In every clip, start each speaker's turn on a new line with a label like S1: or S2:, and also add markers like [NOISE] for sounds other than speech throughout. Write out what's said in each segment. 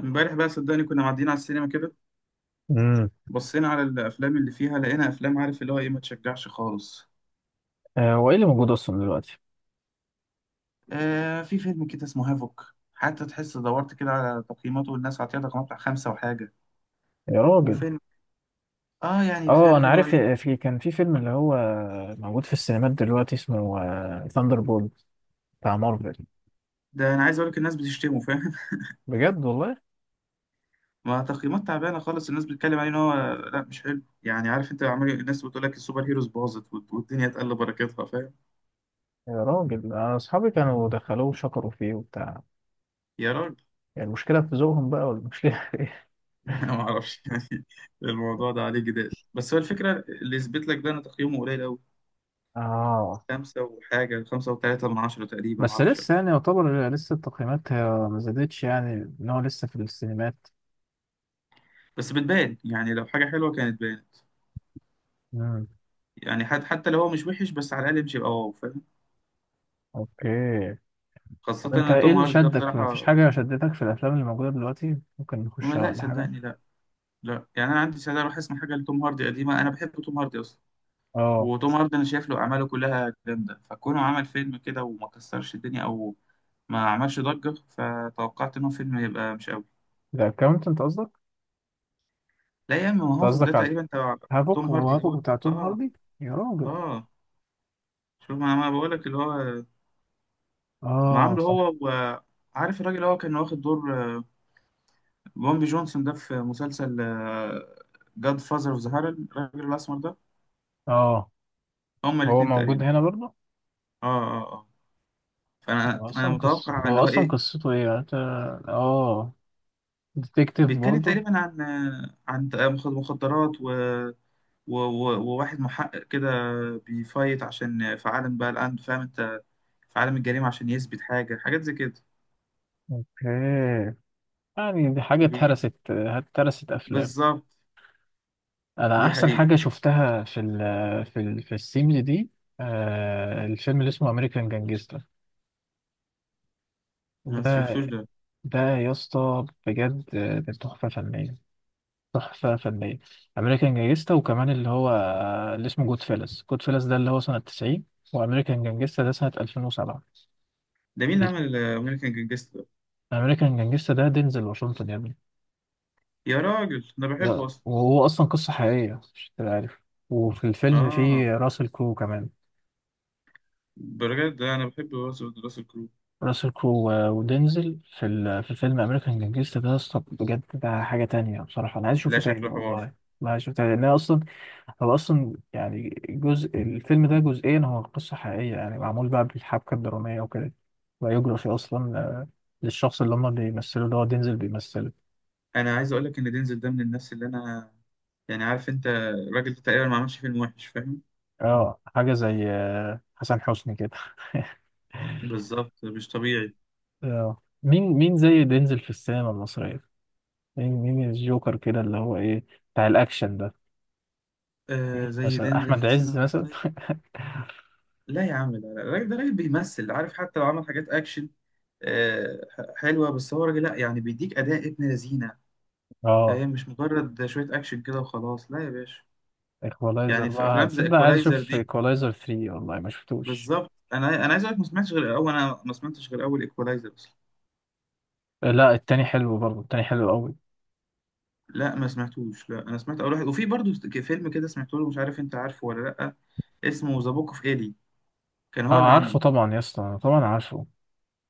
S1: امبارح بقى صدقني كنا معديين على السينما كده،
S2: امم.
S1: بصينا على الافلام اللي فيها، لقينا افلام عارف اللي هو ايه ما تشجعش خالص.
S2: آه، هو ايه اللي موجود اصلا دلوقتي؟
S1: آه، في فيلم كده اسمه هافوك، حتى تحس دورت كده على تقييماته والناس عطيها تقييمات بتاع خمسة وحاجة.
S2: يا راجل.
S1: وفيلم اه يعني في
S2: اه،
S1: عارف
S2: انا
S1: اللي هو
S2: عارف.
S1: ايه.
S2: كان في فيلم اللي هو موجود في السينمات دلوقتي اسمه ثاندر بولت بتاع مارفل.
S1: ده انا عايز اقول لك الناس بتشتمه فاهم.
S2: بجد والله.
S1: [LAUGHS] ما تقييمات تعبانه خالص، الناس بتتكلم عليه ان هو لا مش حلو. يعني عارف انت، عمال الناس بتقول لك السوبر هيروز باظت والدنيا اتقل بركتها فاهم.
S2: يا راجل. انا اصحابي كانوا دخلوه وشكروا فيه وبتاع.
S1: يا راجل.
S2: يعني المشكله في ذوقهم بقى ولا المشكله؟
S1: [LAUGHS] انا ما اعرفش يعني. الموضوع ده عليه جدال، بس هو الفكره اللي يثبت لك ده ان تقييمه قليل قوي،
S2: [LAUGHS] اه،
S1: خمسة وحاجة، خمسة وتلاتة من عشرة تقريبا،
S2: بس
S1: معرفش
S2: لسه يعني يعتبر لسه التقييمات هي ما زادتش يعني ان هو لسه في السينمات.
S1: بس بتبان يعني، لو حاجة حلوة كانت بانت،
S2: امم.
S1: يعني حد حتى لو هو مش وحش بس على الأقل مش يبقى واو فاهم،
S2: اوكي.
S1: خاصة
S2: طب انت
S1: إن
S2: ايه
S1: توم
S2: اللي
S1: هاردي ده
S2: شدك؟ ما فيش
S1: بصراحة.
S2: حاجه شدتك في الافلام اللي موجوده دلوقتي ممكن
S1: ما
S2: نخشها
S1: لا
S2: ولا حاجه؟
S1: صدقني لا. لا يعني أنا عندي سعادة أروح أسمع حاجة لتوم هاردي قديمة، أنا بحب توم هاردي أصلا.
S2: اه،
S1: وتوم هاردي أنا شايف له أعماله كلها جامدة، فكونه عمل فيلم كده وما كسرش الدنيا أو ما عملش ضجة فتوقعت إن هو فيلم يبقى مش قوي.
S2: الأكاونتنت قصدك؟
S1: لا يا عم،
S2: أنت
S1: ما هافوك ده
S2: قصدك على
S1: تقريبا تبع توم
S2: هافوك، هو
S1: هاردي،
S2: هافوك
S1: هو
S2: بتاع توم
S1: آه.
S2: هاردي؟ يا راجل.
S1: آه شوف، ما أنا بقول لك اللي هو ما
S2: آه
S1: عامله
S2: صح.
S1: هو، وعارف الراجل اللي هو كان واخد دور بومبي جونسون ده في مسلسل جاد فازر اوف ذا هارل الراجل الاسمر ده،
S2: آه.
S1: هما
S2: هو
S1: الاثنين
S2: موجود
S1: تقريبا.
S2: هنا برضه؟
S1: اه اه اه. فانا
S2: هو
S1: انا
S2: أصلا قصة،
S1: متوقع اللي
S2: هو
S1: هو
S2: أصلا
S1: ايه.
S2: قصته إيه؟ أنت آه، ديتكتيف
S1: بيتكلم
S2: برضه؟
S1: تقريبا عن عن مخدرات وواحد محقق كده، بيفايت عشان في عالم بقى الان فاهم انت، في عالم الجريمه، عشان يثبت حاجه حاجات زي كده.
S2: أوكي. يعني دي حاجة
S1: وبي...
S2: اتهرست أفلام.
S1: بالظبط.
S2: أنا
S1: دي
S2: أحسن
S1: حقيقه.
S2: حاجة شفتها في السيمز دي آه الفيلم اللي اسمه أمريكان جانجستا
S1: ما
S2: ده
S1: شفتوش ده.
S2: ده يا اسطى بجد. آه، تحفة فنية، تحفة فنية. أمريكان جانجستا وكمان اللي هو اللي اسمه جود فيلز، جود فيلز ده اللي هو سنة 90، وأمريكان جانجستا ده سنة 2007.
S1: ده مين اللي عمل امريكان جانجستر.
S2: أمريكان جانجستا ده دينزل واشنطن يا ابني.
S1: يا راجل انا بحبه اصلا.
S2: وهو أصلا قصة حقيقية، مش تبقى عارف. وفي الفيلم
S1: اه،
S2: فيه راسل كرو كمان.
S1: بجد انا بحب راسل كرو.
S2: راسل كرو ودينزل في الفيلم امريكان جانجستا ده يا اسطى بجد. ده حاجه تانية بصراحه. انا عايز
S1: لا
S2: اشوفه تاني،
S1: شكله
S2: والله
S1: حوار.
S2: والله عايز اشوفه تاني لان أنا اصلا. هو اصلا يعني جزء الفيلم ده جزئيا هو قصه حقيقيه، يعني معمول بقى بالحبكه الدراميه وكده. بايوجرافي اصلا، للشخص اللي هم بيمثلوا اللي هو دينزل بيمثله.
S1: انا عايز اقول لك ان دينزل ده من الناس اللي انا، يعني عارف انت الراجل ده تقريبا ما عملش فيلم وحش فاهم.
S2: اه، حاجه زي حسن حسني كده. [LAUGHS]
S1: بالظبط، مش طبيعي.
S2: اه، مين مين زي دينزل في السينما المصريه؟ مين مين الجوكر كده اللي هو ايه بتاع الاكشن ده؟
S1: آه
S2: مين
S1: زي
S2: مثلا،
S1: دينزل في
S2: احمد
S1: السينما
S2: عز مثلا؟
S1: المصريه.
S2: [LAUGHS]
S1: لا يا عم، لا لا، الراجل ده راجل بيمثل، عارف حتى لو عمل حاجات اكشن آه حلوه، بس هو راجل لا يعني بيديك اداء ابن لذينه
S2: اه،
S1: فاهم. مش مجرد شويه اكشن كده وخلاص، لا يا باشا.
S2: ايكولايزر
S1: يعني في
S2: بقى.
S1: افلام زي
S2: تصدق عايز
S1: ايكولايزر
S2: اشوف
S1: دي.
S2: ايكولايزر 3، والله ما شفتوش.
S1: بالظبط، انا عايز اقول لك ما سمعتش غير اول، انا ما سمعتش غير اول ايكولايزر اصلا.
S2: لا، التاني حلو برضه. التاني حلو قوي.
S1: لا ما سمعتوش، لا انا سمعت اول واحد. وفي برضه فيلم كده سمعته له، مش عارف انت عارفه ولا لا، اسمه ذا بوك اوف ايلي، كان
S2: اه،
S1: هو اللي
S2: عارفه
S1: عامله،
S2: طبعا يا اسطى، طبعا عارفه.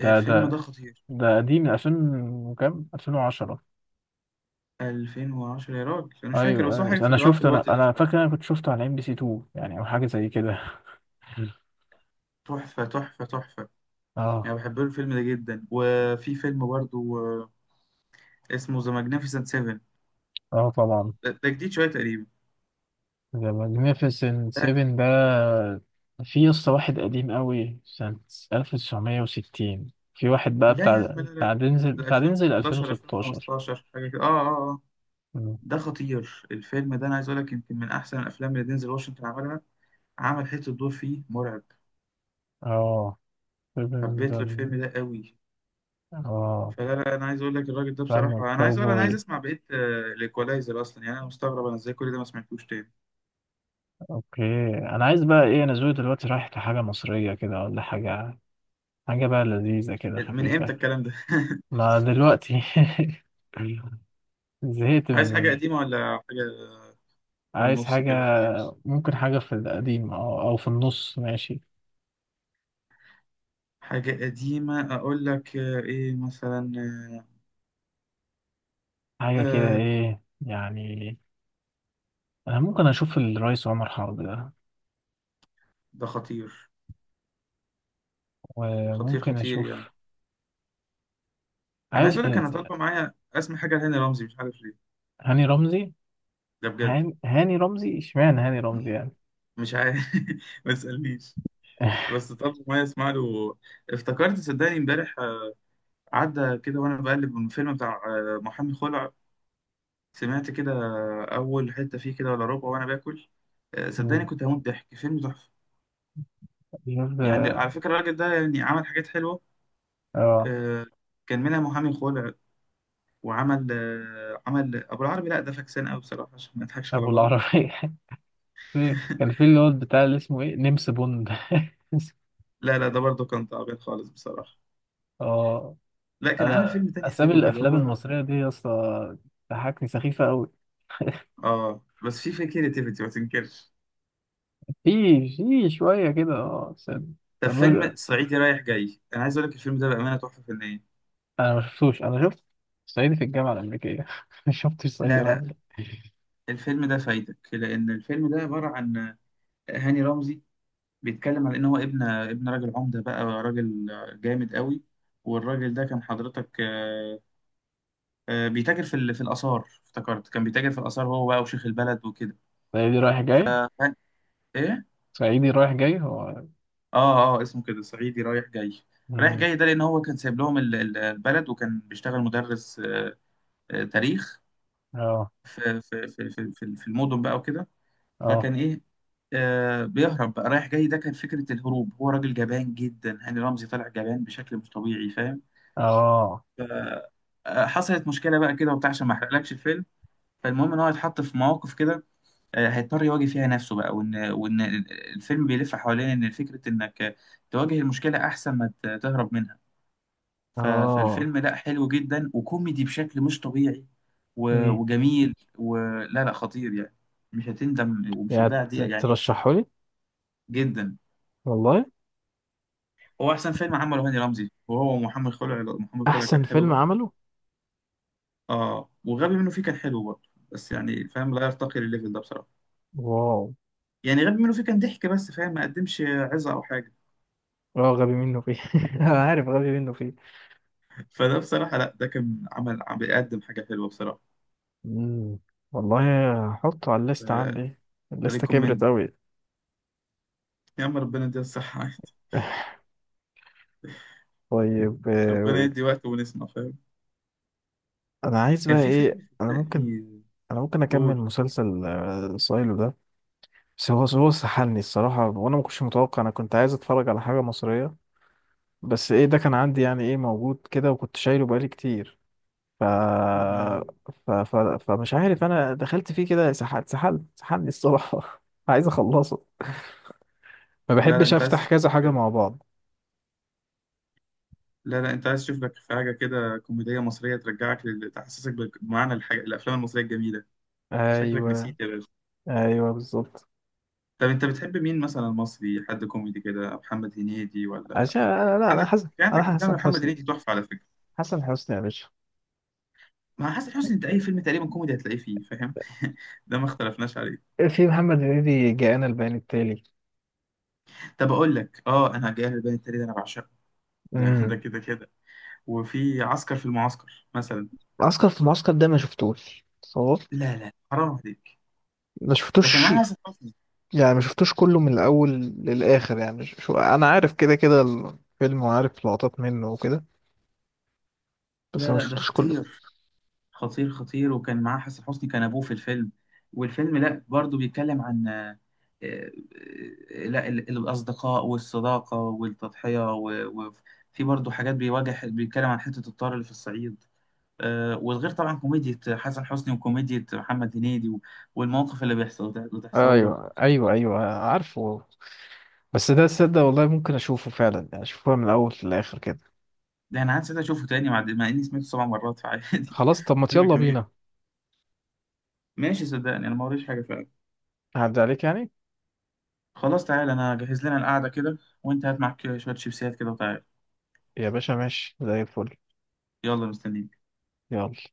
S2: ده
S1: الفيلم ده
S2: ده
S1: خطير.
S2: ده قديم من 2000، وكام، 2010؟
S1: 2010 يا راجل انا مش فاكر،
S2: ايوه،
S1: بس هو
S2: أيوة.
S1: حاجه في
S2: انا
S1: آه، في
S2: شفت، انا
S1: الوقت ده
S2: انا
S1: شويه.
S2: فاكر، انا كنت شفته على ام بي سي 2 يعني، او حاجه زي كده. [LAUGHS]
S1: تحفه تحفه تحفه، يعني
S2: اه.
S1: بحب له الفيلم ده جدا. وفي فيلم برضه اسمه ذا ماجنيفيسنت 7،
S2: اه طبعا.
S1: ده جديد شويه تقريبا.
S2: ذا ماجنيفيسنت
S1: لا،
S2: 7 ده. في قصة واحد قديم قوي سنة 1960، في واحد بقى
S1: لا يا عم
S2: بتاع
S1: لا لا،
S2: بتاع دينزل،
S1: ده
S2: بتاع دينزل
S1: 2016
S2: 2016.
S1: 2015 حاجه كده، اه اه اه.
S2: مم.
S1: ده خطير الفيلم ده، انا عايز اقول لك يمكن من احسن الافلام اللي دينزل واشنطن عملها، عمل حته دور فيه مرعب.
S2: اه 7
S1: حبيت
S2: ده.
S1: له الفيلم ده قوي.
S2: اه
S1: فلا لا، انا عايز اقول لك الراجل ده
S2: فاهم،
S1: بصراحه، انا عايز اقول انا عايز
S2: كاوبوي.
S1: اسمع بقيه الايكولايزر اصلا، يعني انا مستغرب انا ازاي كل ده ما سمعتوش تاني.
S2: اوكي. انا عايز بقى ايه؟ انا ذوقي دلوقتي رايح لحاجة مصرية كده ولا حاجة، حاجة بقى لذيذة كده
S1: إيه، من امتى
S2: خفيفة.
S1: الكلام ده.
S2: ما دلوقتي. [LAUGHS] زهقت
S1: [LAUGHS] عايز حاجه قديمه ولا حاجه، في
S2: عايز
S1: النص
S2: حاجة.
S1: كده ولا إيه؟
S2: ممكن حاجة في القديم أو أو في النص ماشي.
S1: حاجه قديمه اقول لك آه، ايه مثلا. آه،
S2: حاجة كده،
S1: آه،
S2: إيه يعني. أنا ممكن أشوف الرئيس عمر حرب ده،
S1: ده خطير، خطير
S2: وممكن
S1: خطير يعني.
S2: أشوف.
S1: انا
S2: عايز
S1: عايز اقول لك انا طالبه معايا اسمع حاجه لهاني رمزي مش عارف ليه.
S2: هاني رمزي.
S1: ده بجد،
S2: هاني رمزي، إشمعنى هاني رمزي يعني؟
S1: مش عارف. [LAUGHS] ما تسألنيش.
S2: [LAUGHS]
S1: بس طب ما اسمع له. افتكرت صدقني امبارح عدى كده وانا بقلب، من الفيلم بتاع محامي خلع. سمعت كده اول حتة فيه كده ولا ربع وانا باكل، صدقني
S2: مم.
S1: كنت هموت ضحك، فيلم تحفة.
S2: شوف
S1: يعني
S2: ده.
S1: على فكرة الراجل ده يعني عمل حاجات حلوة،
S2: آه.
S1: آه، كان منها محامي خلع، وعمل آه، عمل ابو العربي، لا ده فاكسان قوي بصراحة عشان ما نضحكش على
S2: أبو
S1: بعض.
S2: العربية. [LAUGHS] كان في
S1: [LAUGHS]
S2: اللي هو بتاع اللي اسمه إيه، نمس بوند. [LAUGHS]
S1: لا لا ده برضه كان تعبان خالص بصراحة.
S2: آه.
S1: لا كان عامل
S2: أنا
S1: فيلم تاني
S2: أسامي
S1: حلو اللي
S2: الأفلام
S1: هو.
S2: المصرية دي يا اسطى ضحكني سخيفة أوي. [LAUGHS]
S1: اه بس في كريتيفيتي ما تنكرش.
S2: في، في شوية كده اه بس.
S1: طب فيلم
S2: الراجل،
S1: صعيدي رايح جاي، انا عايز اقول لك الفيلم ده بامانه تحفه فنيه.
S2: انا ما شفتوش. انا شفت صعيدي في الجامعه الامريكيه. [LAUGHS] ما شفتش صعيدي
S1: لا
S2: رايح
S1: لا،
S2: جاي.
S1: الفيلم ده فايدك لان الفيلم ده عباره عن هاني رمزي، بيتكلم عن ان هو ابن راجل عمده بقى، راجل جامد قوي، والراجل ده كان حضرتك بيتاجر في في الاثار، افتكرت كان بيتاجر في الاثار هو بقى وشيخ البلد وكده.
S2: صعيدي رايح
S1: ف
S2: جاي.
S1: ف- ايه،
S2: صعيدي رايح جاي هو.
S1: اه اه اسمه كده صعيدي رايح جاي. رايح
S2: مم.
S1: جاي ده لان هو كان سايب لهم البلد، وكان بيشتغل مدرس تاريخ
S2: اه
S1: في المدن بقى وكده.
S2: اه
S1: فكان ايه، بيهرب بقى. رايح جاي ده كان فكرة الهروب، هو راجل جبان جدا، هاني رمزي طلع جبان بشكل مش طبيعي فاهم.
S2: اه.
S1: حصلت مشكلة بقى كده وبتاع، عشان ما احرقلكش الفيلم. فالمهم ان هو اتحط في مواقف كده هيضطر يواجه فيها نفسه بقى، وان الفيلم بيلف حوالين ان فكرة انك تواجه المشكلة احسن ما تهرب منها.
S2: اه.
S1: فالفيلم لا حلو جدا وكوميدي بشكل مش طبيعي
S2: امم.
S1: وجميل، ولا لا خطير يعني. مش هتندم ومش
S2: يعني
S1: هتضيع دقيقة يعني.
S2: ترشحه لي؟
S1: جدا.
S2: والله.
S1: هو أحسن فيلم عمله هاني رمزي، وهو محمد خلع. محمد خلع
S2: احسن
S1: كان حلو
S2: فيلم
S1: برضه.
S2: عمله.
S1: اه، وغبي منه فيه كان حلو برضه بس يعني فاهم لا يرتقي للليفل ده بصراحة.
S2: واو.
S1: يعني غبي منه فيه كان ضحك، بس فاهم ما قدمش عظة أو حاجة.
S2: اه، غبي منه فيه. [LAUGHS] انا عارف غبي منه فيه.
S1: [LAUGHS] فده بصراحة لا ده كان عمل عم بيقدم حاجة حلوة بصراحة.
S2: امم. والله. هحطه على الليست
S1: آه.
S2: عندي. الليستة
S1: ريكومند.
S2: كبرت قوي.
S1: يا عم ربنا يديها الصحة. [LAUGHS] عادي.
S2: [LAUGHS] طيب،
S1: ربنا يدي وقت ونسمع فاهم.
S2: انا عايز
S1: كان
S2: بقى
S1: في
S2: ايه؟
S1: فيلم
S2: انا ممكن،
S1: صدقني،
S2: اكمل
S1: قول.
S2: مسلسل سايلو ده. بس هو سحلني الصراحة، وأنا ما كنتش متوقع. أنا كنت عايز أتفرج على حاجة مصرية. بس إيه ده كان عندي، يعني إيه، موجود كده وكنت شايله بقالي كتير. ف...
S1: مم.
S2: فمش عارف. أنا دخلت فيه كده، سحلت سحلني الصراحة. [LAUGHS] عايز أخلصه. ما
S1: لا لا
S2: بحبش
S1: انت عايز
S2: أفتح
S1: تشوف
S2: كذا حاجة
S1: لك،
S2: مع بعض.
S1: لا لا انت عايز تشوف لك في حاجه كده كوميديه مصريه ترجعك تحسسك بمعنى الحاجة، الافلام المصريه الجميله. شكلك
S2: أيوه.
S1: نسيت يا باشا.
S2: أيوه بالظبط.
S1: طب انت بتحب مين مثلا مصري حد كوميدي كده، محمد هنيدي ولا.
S2: عشان أنا لا، أنا
S1: عندك،
S2: حسن،
S1: في
S2: أنا
S1: عندك افلام
S2: حسن
S1: محمد
S2: حسني.
S1: هنيدي تحفه على فكره.
S2: حسن حسني يا باشا.
S1: مع حسن حسني انت اي فيلم تقريبا كوميدي هتلاقيه فيه فاهم. [LAUGHS] ده ما اختلفناش عليه.
S2: في محمد هنيدي، جاءنا البيان التالي.
S1: طب اقول لك اه، انا جاي البيان التالي ده انا بعشقه، ده
S2: امم.
S1: ده كده كده. وفي عسكر في المعسكر مثلا.
S2: عسكر في معسكر ده ما شفتوش صور.
S1: لا لا حرام عليك،
S2: ما
S1: ده كان
S2: شفتوش.
S1: معاه حسن حسني.
S2: يعني ما شفتوش كله من الاول للاخر، يعني شو، انا عارف كده كده الفيلم وعارف لقطات منه وكده، بس
S1: لا
S2: ما
S1: لا ده
S2: شفتوش كله.
S1: خطير خطير خطير، وكان معاه حسن حسني كان ابوه في الفيلم. والفيلم لا برضه بيتكلم عن آه، لا الاصدقاء والصداقه والتضحيه وفي برضه حاجات بيواجه، بيتكلم عن حته الطار اللي في الصعيد والغير طبعا كوميديا حسن حسني وكوميديا محمد هنيدي والمواقف اللي بيحصل ده اللي تحصل له.
S2: ايوه، ايوه، ايوه، عارفه. بس ده تصدق والله ممكن اشوفه فعلا، يعني اشوفه من الاول للاخر كده.
S1: ده انا عايز اشوفه تاني مع اني سمعته 7 مرات فعادي.
S2: خلاص. طب
S1: [LAUGHS]
S2: ما
S1: فيلم
S2: يلا
S1: جميل.
S2: بينا.
S1: ماشي صدقني انا ما وريش حاجه فعلا.
S2: هعدي عليك يعني.
S1: خلاص تعالى انا هجهز لنا القعده كده، وانت هات معاك شويه شيبسيات كده وتعالى.
S2: يا باشا ماشي زي الفل.
S1: يلا مستنيين.
S2: يلا.